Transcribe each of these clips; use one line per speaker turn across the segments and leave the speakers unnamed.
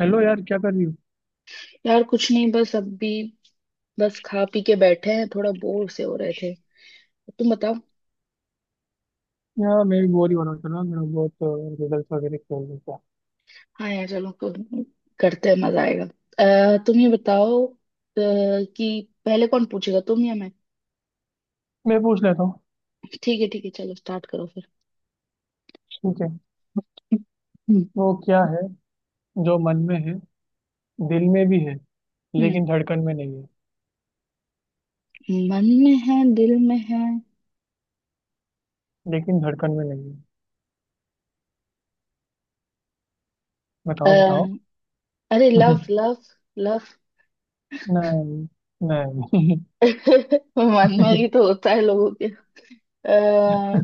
Hello यार, क्या कर रही हो।
यार, कुछ नहीं। बस अभी बस खा पी के बैठे हैं, थोड़ा बोर से हो रहे थे। तुम बताओ।
यार मैं भी बोर ही हो रहा था ना। मेरा बहुत रिजल्ट वगैरह खेल रहा था।
हाँ यार, चलो करते हैं, मजा आएगा। तुम ये बताओ कि पहले कौन पूछेगा, तुम या मैं।
मैं पूछ लेता हूँ।
ठीक है, ठीक है। चलो स्टार्ट करो फिर।
ठीक है।
हम्म।
वो क्या है जो मन में है, दिल में भी है,
हम्म।
लेकिन धड़कन में नहीं है।
मन में है, दिल में है।
लेकिन धड़कन में नहीं है।
अ,
बताओ बताओ।
अरे लव लव लव।
नहीं, नहीं।
मन में ही तो होता है लोगों के। आ,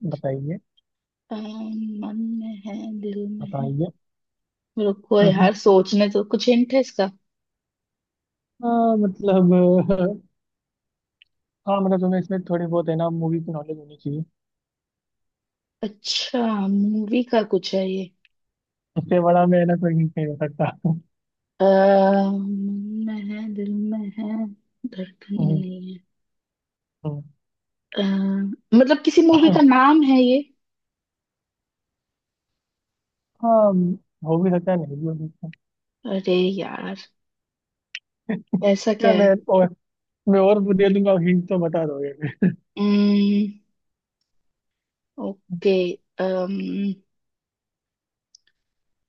बताइए।
मन में है, दिल में है।
बताइए।
रुको
हम्म।
यार, सोचने तो कुछ हिंट है इसका?
हाँ मतलब। हाँ मतलब तुम्हें इसमें थोड़ी बहुत है ना मूवी की नॉलेज होनी चाहिए।
अच्छा, मूवी का कुछ है ये?
इससे बड़ा मैं है ना कोई hint नहीं हो सकता।
मन में है, दिल में है, धड़कन में
हम्म।
नहीं है।
हम्म।
अ, मतलब किसी मूवी का नाम है ये?
हाँ, हो भी सकता है नहीं भी हो सकता।
अरे यार, ऐसा क्या
क्या
है?
मैं और वो दे दूंगा हिंट तो बता दोगे।
अम्म, ओके। अम्म,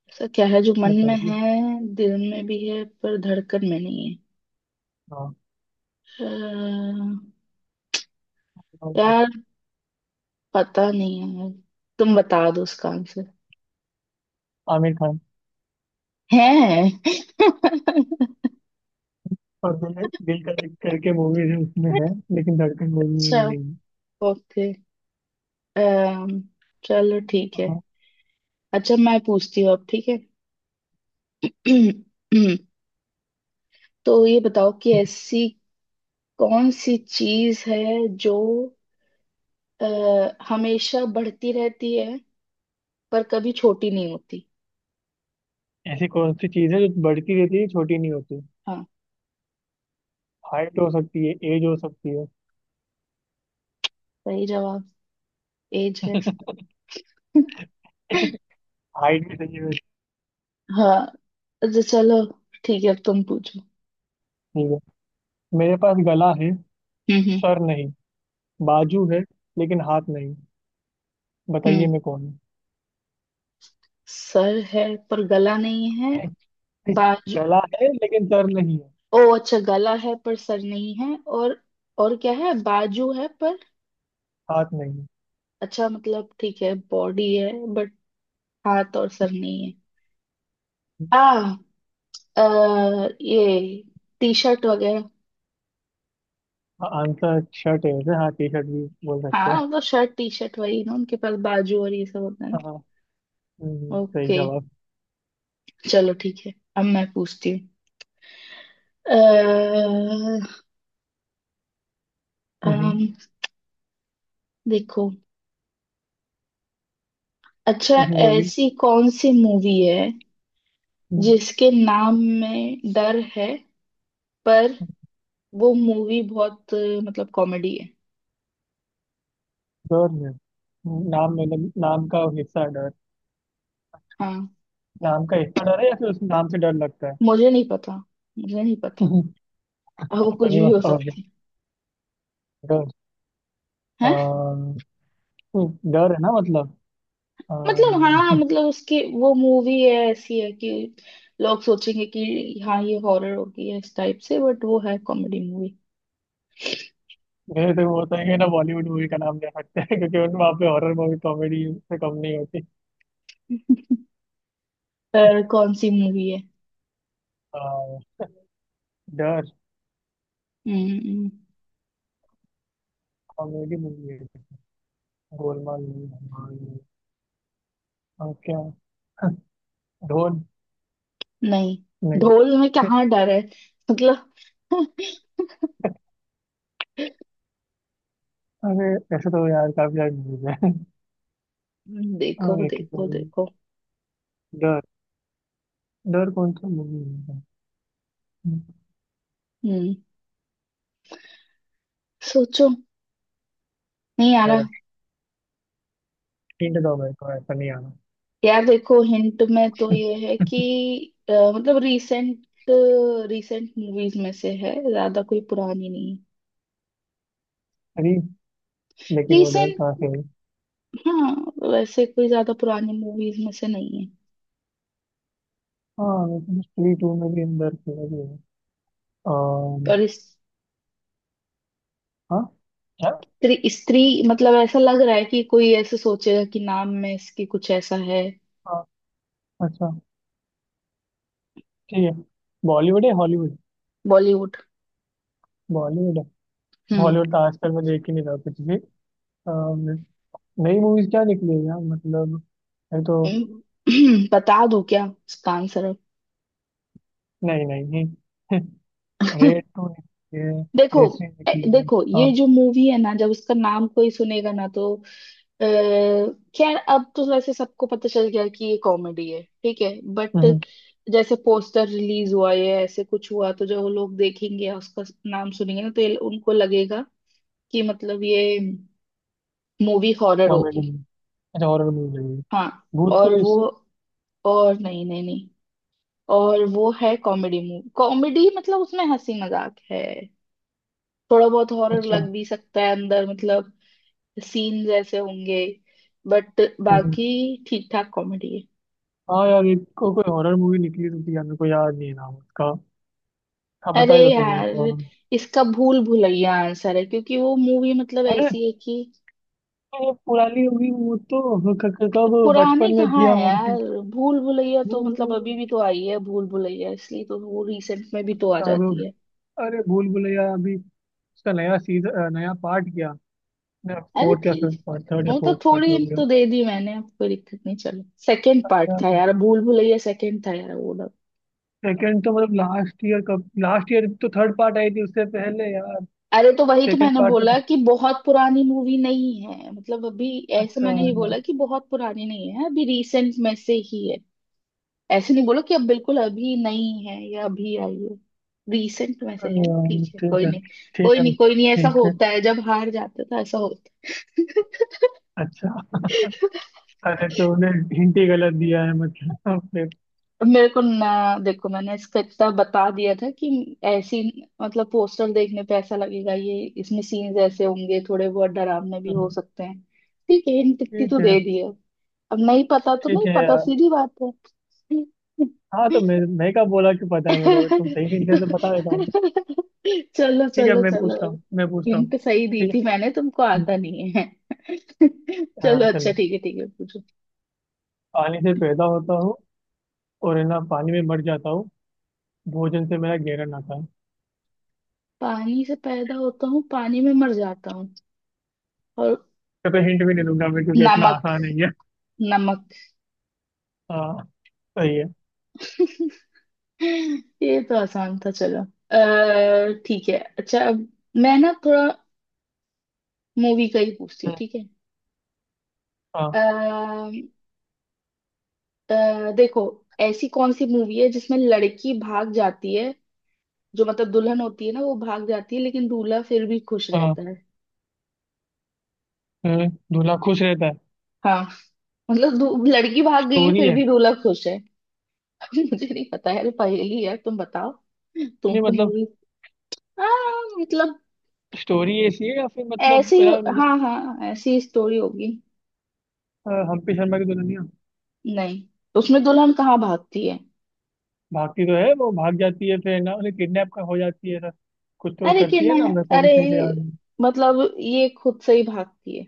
ऐसा क्या है जो मन में
बताइए।
है, दिल में भी है, पर धड़कन में नहीं है?
हाँ,
अ,
बताओ तो।
यार, पता नहीं है। तुम बता दो उसका आंसर।
आमिर खान।
है?
और मैंने दिल का दर्द करके मूवीज है उसमें है, लेकिन धड़कन मूवी में वो
अच्छा,
नहीं है।
ओके। अम्म, चलो, ठीक है।
हाँ।
अच्छा, मैं पूछती हूँ अब, ठीक है? तो ये बताओ कि ऐसी कौन सी चीज है जो अ, हमेशा बढ़ती रहती है, पर कभी छोटी नहीं होती।
ऐसी कौन सी चीज है जो बढ़ती रहती है, छोटी नहीं होती।
हाँ,
हाइट हो सकती है, एज हो सकती है।
सही जवाब। एज है इसका।
हाइट भी सही है वैसे।
हाँ, अच्छा, चलो। ठीक है, अब तुम पूछो।
ठीक है। मेरे पास गला है,
हम्म। हम्म।
सर नहीं, बाजू है लेकिन हाथ नहीं। बताइए
हम्म।
मैं कौन हूँ।
सर है, पर गला नहीं है, बाजू।
गला है लेकिन सर नहीं है।
ओ अच्छा, गला है पर सर नहीं है। और क्या है? बाजू है पर...
हाथ नहीं है।
अच्छा, मतलब ठीक है, बॉडी है बट हाथ और सर नहीं है। आ, ये टी शर्ट वगैरह।
हाँ, आंसर शर्ट है वैसे। हाँ, टी शर्ट भी बोल सकते
हाँ,
हैं।
मतलब शर्ट, टी शर्ट वही ना, उनके पास बाजू और ये सब होता है ना।
हाँ। सही
ओके,
जवाब।
चलो ठीक है। अब मैं पूछती हूँ। अ,
हम्म।
अम, देखो। अच्छा,
बोली।
ऐसी कौन सी मूवी है
हम्म।
जिसके नाम में डर है, पर वो मूवी बहुत मतलब कॉमेडी है।
डर में। नाम मतलब नाम का हिस्सा है डर।
हाँ।
नाम का हिस्सा डर है या फिर उस नाम से डर लगता है।
मुझे नहीं पता। मुझे नहीं पता। अब वो
पता
कुछ
नहीं,
भी हो
बताओगे
सकती
डर।
है। हैं?
अम, डर है ना मतलब।
मतलब हाँ,
अम,
मतलब उसकी वो मूवी है, ऐसी है कि लोग सोचेंगे कि हाँ ये हॉरर होगी, है इस टाइप से, बट वो है कॉमेडी मूवी।
मेरे से वो होता है कि ना बॉलीवुड मूवी का नाम ले सकते हैं, क्योंकि उन वहाँ पे हॉरर मूवी कॉमेडी से कम नहीं होती।
पर कौन सी मूवी है?
अ, डर
हम्म।
कॉमेडी मूवी है। गोलमाल movie, धमाल movie, और क्या। ढोल।
नहीं,
नहीं।
ढोल में कहाँ डर है? मतलब
अरे ऐसे तो यार काफी सारी मूवीज
देखो
है। एक
देखो देखो।
डर। डर कौन सा मूवी है।
हम्म। सोचो। नहीं आ रहा।
डर। हिंट दो मेरे को, ऐसा नहीं आना।
यार देखो, हिंट में तो ये है कि मतलब रिसेंट रिसेंट मूवीज में से है, ज्यादा कोई पुरानी नहीं
अरे लेकिन वो
है।
डर कहाँ से है?
हाँ, वैसे कोई ज्यादा पुरानी मूवीज में से नहीं है।
हाँ लेकिन स्त्री टू में भी अंदर खेला भी है। अम,
पर स्त्री,
हाँ क्या।
स्त्री मतलब ऐसा लग रहा है कि कोई ऐसे सोचेगा कि नाम में इसकी कुछ ऐसा है।
हाँ, अच्छा, ठीक है। बॉलीवुड है हॉलीवुड।
बॉलीवुड।
बॉलीवुड है।
हम्म।
हॉलीवुड तो आजकल मैं देख ही नहीं रहा कुछ भी। अम, नई मूवीज क्या निकली है यार, मतलब है तो।
हम्म। बता दो, क्या उसका आंसर?
नहीं नहीं। रेड टू निकली
देखो,
है, ऐसी निकली है।
देखो,
हाँ,
ये जो मूवी है ना, जब उसका नाम कोई सुनेगा ना, तो क्या अब तो वैसे सबको पता चल गया कि ये कॉमेडी है, ठीक है, बट जैसे पोस्टर रिलीज हुआ है, ऐसे कुछ हुआ तो जो लोग देखेंगे या उसका नाम सुनेंगे ना, तो ये उनको लगेगा कि मतलब ये मूवी हॉरर
कॉमेडी।
होगी।
अच्छा हॉरर मूवी है।
हाँ।
भूत
और वो
पुलिस।
और नहीं नहीं नहीं, और वो है कॉमेडी मूवी। कॉमेडी मतलब उसमें हंसी मजाक है। थोड़ा बहुत हॉरर
अच्छा।
लग भी सकता है अंदर, मतलब सीन्स ऐसे होंगे, बट
हम्म।
बाकी ठीक ठाक कॉमेडी है।
हाँ यार एक को, कोई हॉरर मूवी निकली तो थी यार, मेरे को याद नहीं है नाम उसका। हाँ
अरे
बता ही दो तुम मेरे को।
यार, इसका भूल भुलैया आंसर है, क्योंकि वो मूवी मतलब
अरे
ऐसी है कि
ये पुरानी होगी वो तो। हाँ, कब
पुरानी
बचपन में
कहाँ
थी
है
हम।
यार, भूल भुलैया तो
भूल
मतलब अभी भी
भुलैया।
तो आई है भूल भुलैया, इसलिए तो वो रिसेंट में भी तो आ जाती
अब-
है।
अरे भूल भुलैया अभी उसका नया सीजन, नया पार्ट क्या,
अरे
फोर्थ या
ठीक,
फिफ्थ पार्ट, थर्ड या
वो तो
फोर्थ
थोड़ी
पार्ट हो
hint
गया।
तो दे दी मैंने, अब कोई दिक्कत नहीं। चलो, सेकंड पार्ट था यार भूल भुलैया, सेकंड था यार वो ना।
सेकंड तो मतलब लास्ट ईयर, कब, लास्ट ईयर तो थर्ड पार्ट आई थी, उससे पहले यार
अरे तो वही तो
सेकंड
मैंने
पार्ट तो।
बोला कि बहुत पुरानी मूवी नहीं है मतलब अभी। ऐसे
अच्छा
मैंने
यार।
ये बोला कि बहुत पुरानी नहीं है, अभी रिसेंट में से ही है। ऐसे नहीं बोलो कि अब बिल्कुल अभी नहीं है या अभी आई है। रिसेंट में से
अरे
है,
यार,
ठीक है,
ठीक
कोई
है।
नहीं।
ठीक
कोई
है।
नहीं, कोई नहीं, ऐसा
ठीक है।
होता है जब हार जाते तो ऐसा होता है।
अच्छा अरे तूने हिंट ही गलत दिया है मतलब। फिर
मेरे को ना, देखो मैंने इसका इतना बता दिया था कि ऐसी मतलब पोस्टर देखने पे ऐसा लगेगा, ये इसमें सीन्स ऐसे होंगे, थोड़े बहुत डरावने भी हो
हम्म,
सकते हैं। ठीक है, हिंट इतनी तो
ठीक है।
दे दी है, अब नहीं पता तो
ठीक
नहीं
है
पता,
यार।
सीधी बात है।
हाँ तो मैं मैं क्या बोला, कि पता है मेरे को, अगर तुम सही नहीं थे तो बता देता हूँ।
चलो
ठीक है।
चलो
मैं
चलो,
पूछता हूँ मैं पूछता हूँ
हिंट सही दी
ठीक है।
थी मैंने, तुमको
हम्म।
आता नहीं है।
हाँ
चलो, अच्छा
चलो।
ठीक है, ठीक है पूछो।
पानी से पैदा होता हूँ और है ना पानी में मर जाता हूँ। भोजन से मेरा गहरा नाता है।
पानी से पैदा होता हूँ, पानी में मर जाता हूँ, और...
तो हिंट भी नहीं दूंगा मैं, क्योंकि इतना
नमक।
आसान है ये।
नमक।
हाँ, सही है।
ये तो आसान था। चलो अः ठीक है। अच्छा, अब मैं ना थोड़ा मूवी का ही पूछती हूँ,
हम्म।
ठीक है।
हाँ।
अः देखो, ऐसी कौन सी मूवी है जिसमें लड़की भाग जाती है, जो मतलब दुल्हन होती है ना, वो भाग जाती है, लेकिन दूल्हा फिर भी खुश
हाँ।
रहता है।
दूल्हा खुश रहता है।
हाँ, मतलब लड़की भाग गई है,
स्टोरी
फिर
है।
भी दूल्हा खुश है। मुझे नहीं पता है, अरे पहेली है, तुम बताओ,
नहीं
तुमको
मतलब।
मूवी। हाँ मतलब
स्टोरी ऐसी है या फिर मतलब
ऐसी,
मेरा
हाँ हाँ, ऐसी स्टोरी होगी।
हम्प्टी शर्मा की दुल्हनिया।
नहीं, उसमें दुल्हन कहाँ भागती है?
भागती तो है, वो भाग जाती है फिर ना उन्हें किडनैप का हो जाती है ना। कुछ तो
अरे
करती है ना, मेरे
किडनैप?
को भी
अरे
सही से याद नहीं।
मतलब ये खुद से ही भागती है,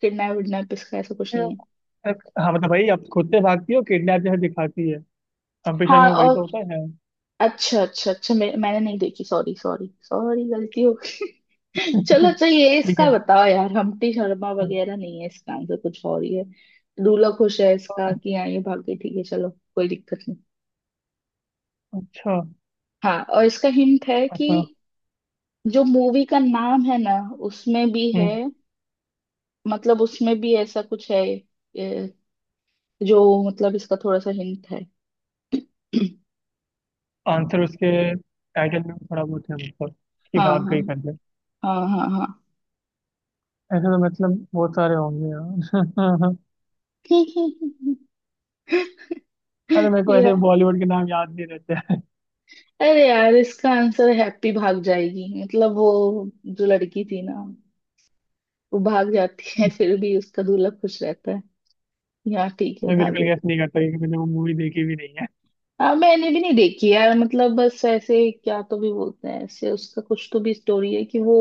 किडनैप विडनैप इसका ऐसा कुछ
फिर
नहीं है।
हाँ मतलब भाई अब खुद से भागती है, किडनैप जैसे दिखाती है। कम्पटिशन शर्मा
हाँ
में वही तो
और,
होता है।
अच्छा अच्छा अच्छा, मैंने नहीं देखी, सॉरी सॉरी सॉरी, गलती हो गई। चलो अच्छा, ये
ठीक
इसका
है।
बताओ यार, हम्प्टी शर्मा
हम्म।
वगैरह नहीं है, इसका आंसर कुछ और ही है। दूल्हा खुश है इसका कि हाँ ये भाग गई, ठीक है चलो, कोई दिक्कत नहीं।
अच्छा,
हाँ और इसका हिंट है कि
अच्छा।
जो मूवी का नाम है ना, उसमें भी है,
हम्म।
मतलब उसमें भी ऐसा कुछ है ए, जो मतलब इसका थोड़ा सा हिंट है।
आंसर उसके टाइटल में भी थोड़ा बहुत है, मतलब कि
हाँ
भाग
हाँ
गई करके।
हाँ हाँ हाँ।
ऐसे तो मतलब बहुत सारे होंगे यार। अरे मेरे को
ये,
ऐसे बॉलीवुड के नाम याद नहीं रहते। हैं
अरे यार, इसका आंसर हैप्पी भाग जाएगी, मतलब वो जो लड़की थी ना, वो भाग जाती है, फिर भी उसका दूल्हा खुश रहता है। यहाँ ठीक है,
मैं बिल्कुल
भागो।
गैस नहीं करता, क्योंकि मैंने वो मूवी देखी भी नहीं है।
हाँ मैंने भी नहीं देखी यार, मतलब बस ऐसे क्या तो भी बोलते हैं, ऐसे उसका कुछ तो भी स्टोरी है कि वो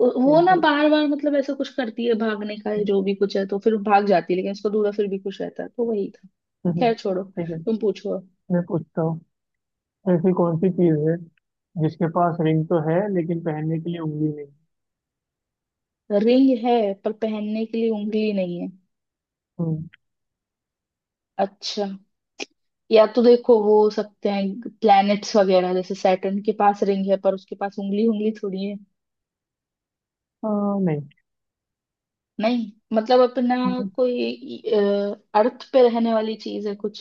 वो
ठीक
ना
है।
बार बार मतलब ऐसा कुछ करती है भागने का या जो भी कुछ है, तो फिर भाग जाती है लेकिन उसका दूल्हा फिर भी खुश रहता है, तो वही था। खैर छोड़ो,
ठीक है।
तुम पूछो।
मैं पूछता हूँ। ऐसी कौन सी चीज है जिसके पास रिंग तो है लेकिन पहनने के लिए उंगली नहीं।
रिंग है पर पहनने के लिए उंगली नहीं है?
हम्म।
अच्छा, या तो देखो वो हो सकते हैं प्लैनेट्स वगैरह, जैसे सैटर्न के पास रिंग है, पर उसके पास उंगली, उंगली थोड़ी है।
आ,
नहीं मतलब अपना
नहीं।
कोई अर्थ पे रहने वाली चीज है कुछ।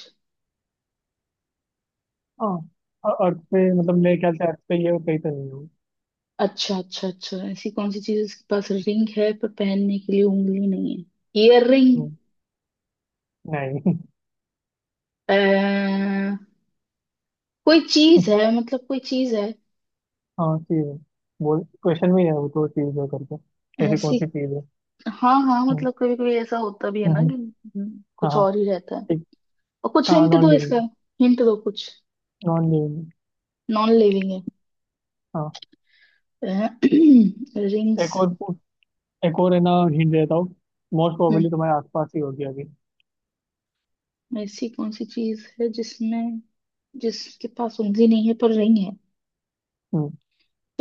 हाँ, अर्थ पे मतलब मेरे ख्याल से अर्थ पे ये कहीं तो नहीं हो।
अच्छा अच्छा अच्छा, ऐसी कौन सी चीज है जिसके पास रिंग है पर पहनने के लिए उंगली नहीं है? Earring.
हम्म, नहीं।
कोई चीज है, मतलब कोई चीज है
हाँ चीज है। बोल, क्वेश्चन में ही है वो तो, चीज है करके, ऐसी कौन
ऐसी।
सी चीज है।
हाँ हाँ,
हम्म।
मतलब कभी कभी ऐसा होता भी है ना
हम्म।
कि
हाँ
कुछ
हाँ,
और ही रहता है।
ठीक।
और कुछ
हाँ,
हिंट
नॉन
दो
लिविंग।
इसका, हिंट दो कुछ।
Non living.
नॉन लिविंग है?
हाँ। एक
रिंग्स।
और पू- एक और है ना हिंट देता हूँ। मोस्ट प्रोबेबली तुम्हारे आसपास ही होगी अभी।
ऐसी कौन सी चीज है जिसमें जिसके पास उंगली नहीं है पर रिंग है?
हम्म,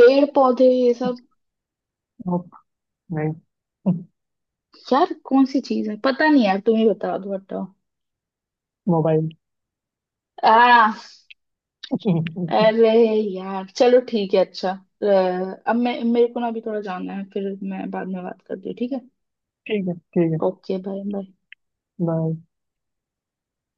पेड़ पौधे, ये सब?
nope, नहीं।
यार कौन सी चीज है, पता नहीं यार, तुम ही बता दो हटाओ।
मोबाइल।
आ। अरे यार चलो। ठीक है, अच्छा। अब मैं मेरे को ना अभी थोड़ा जाना है, फिर मैं बाद में बात करती हूँ, ठीक है।
ठीक है। ठीक है,
ओके, बाय बाय।
बाय।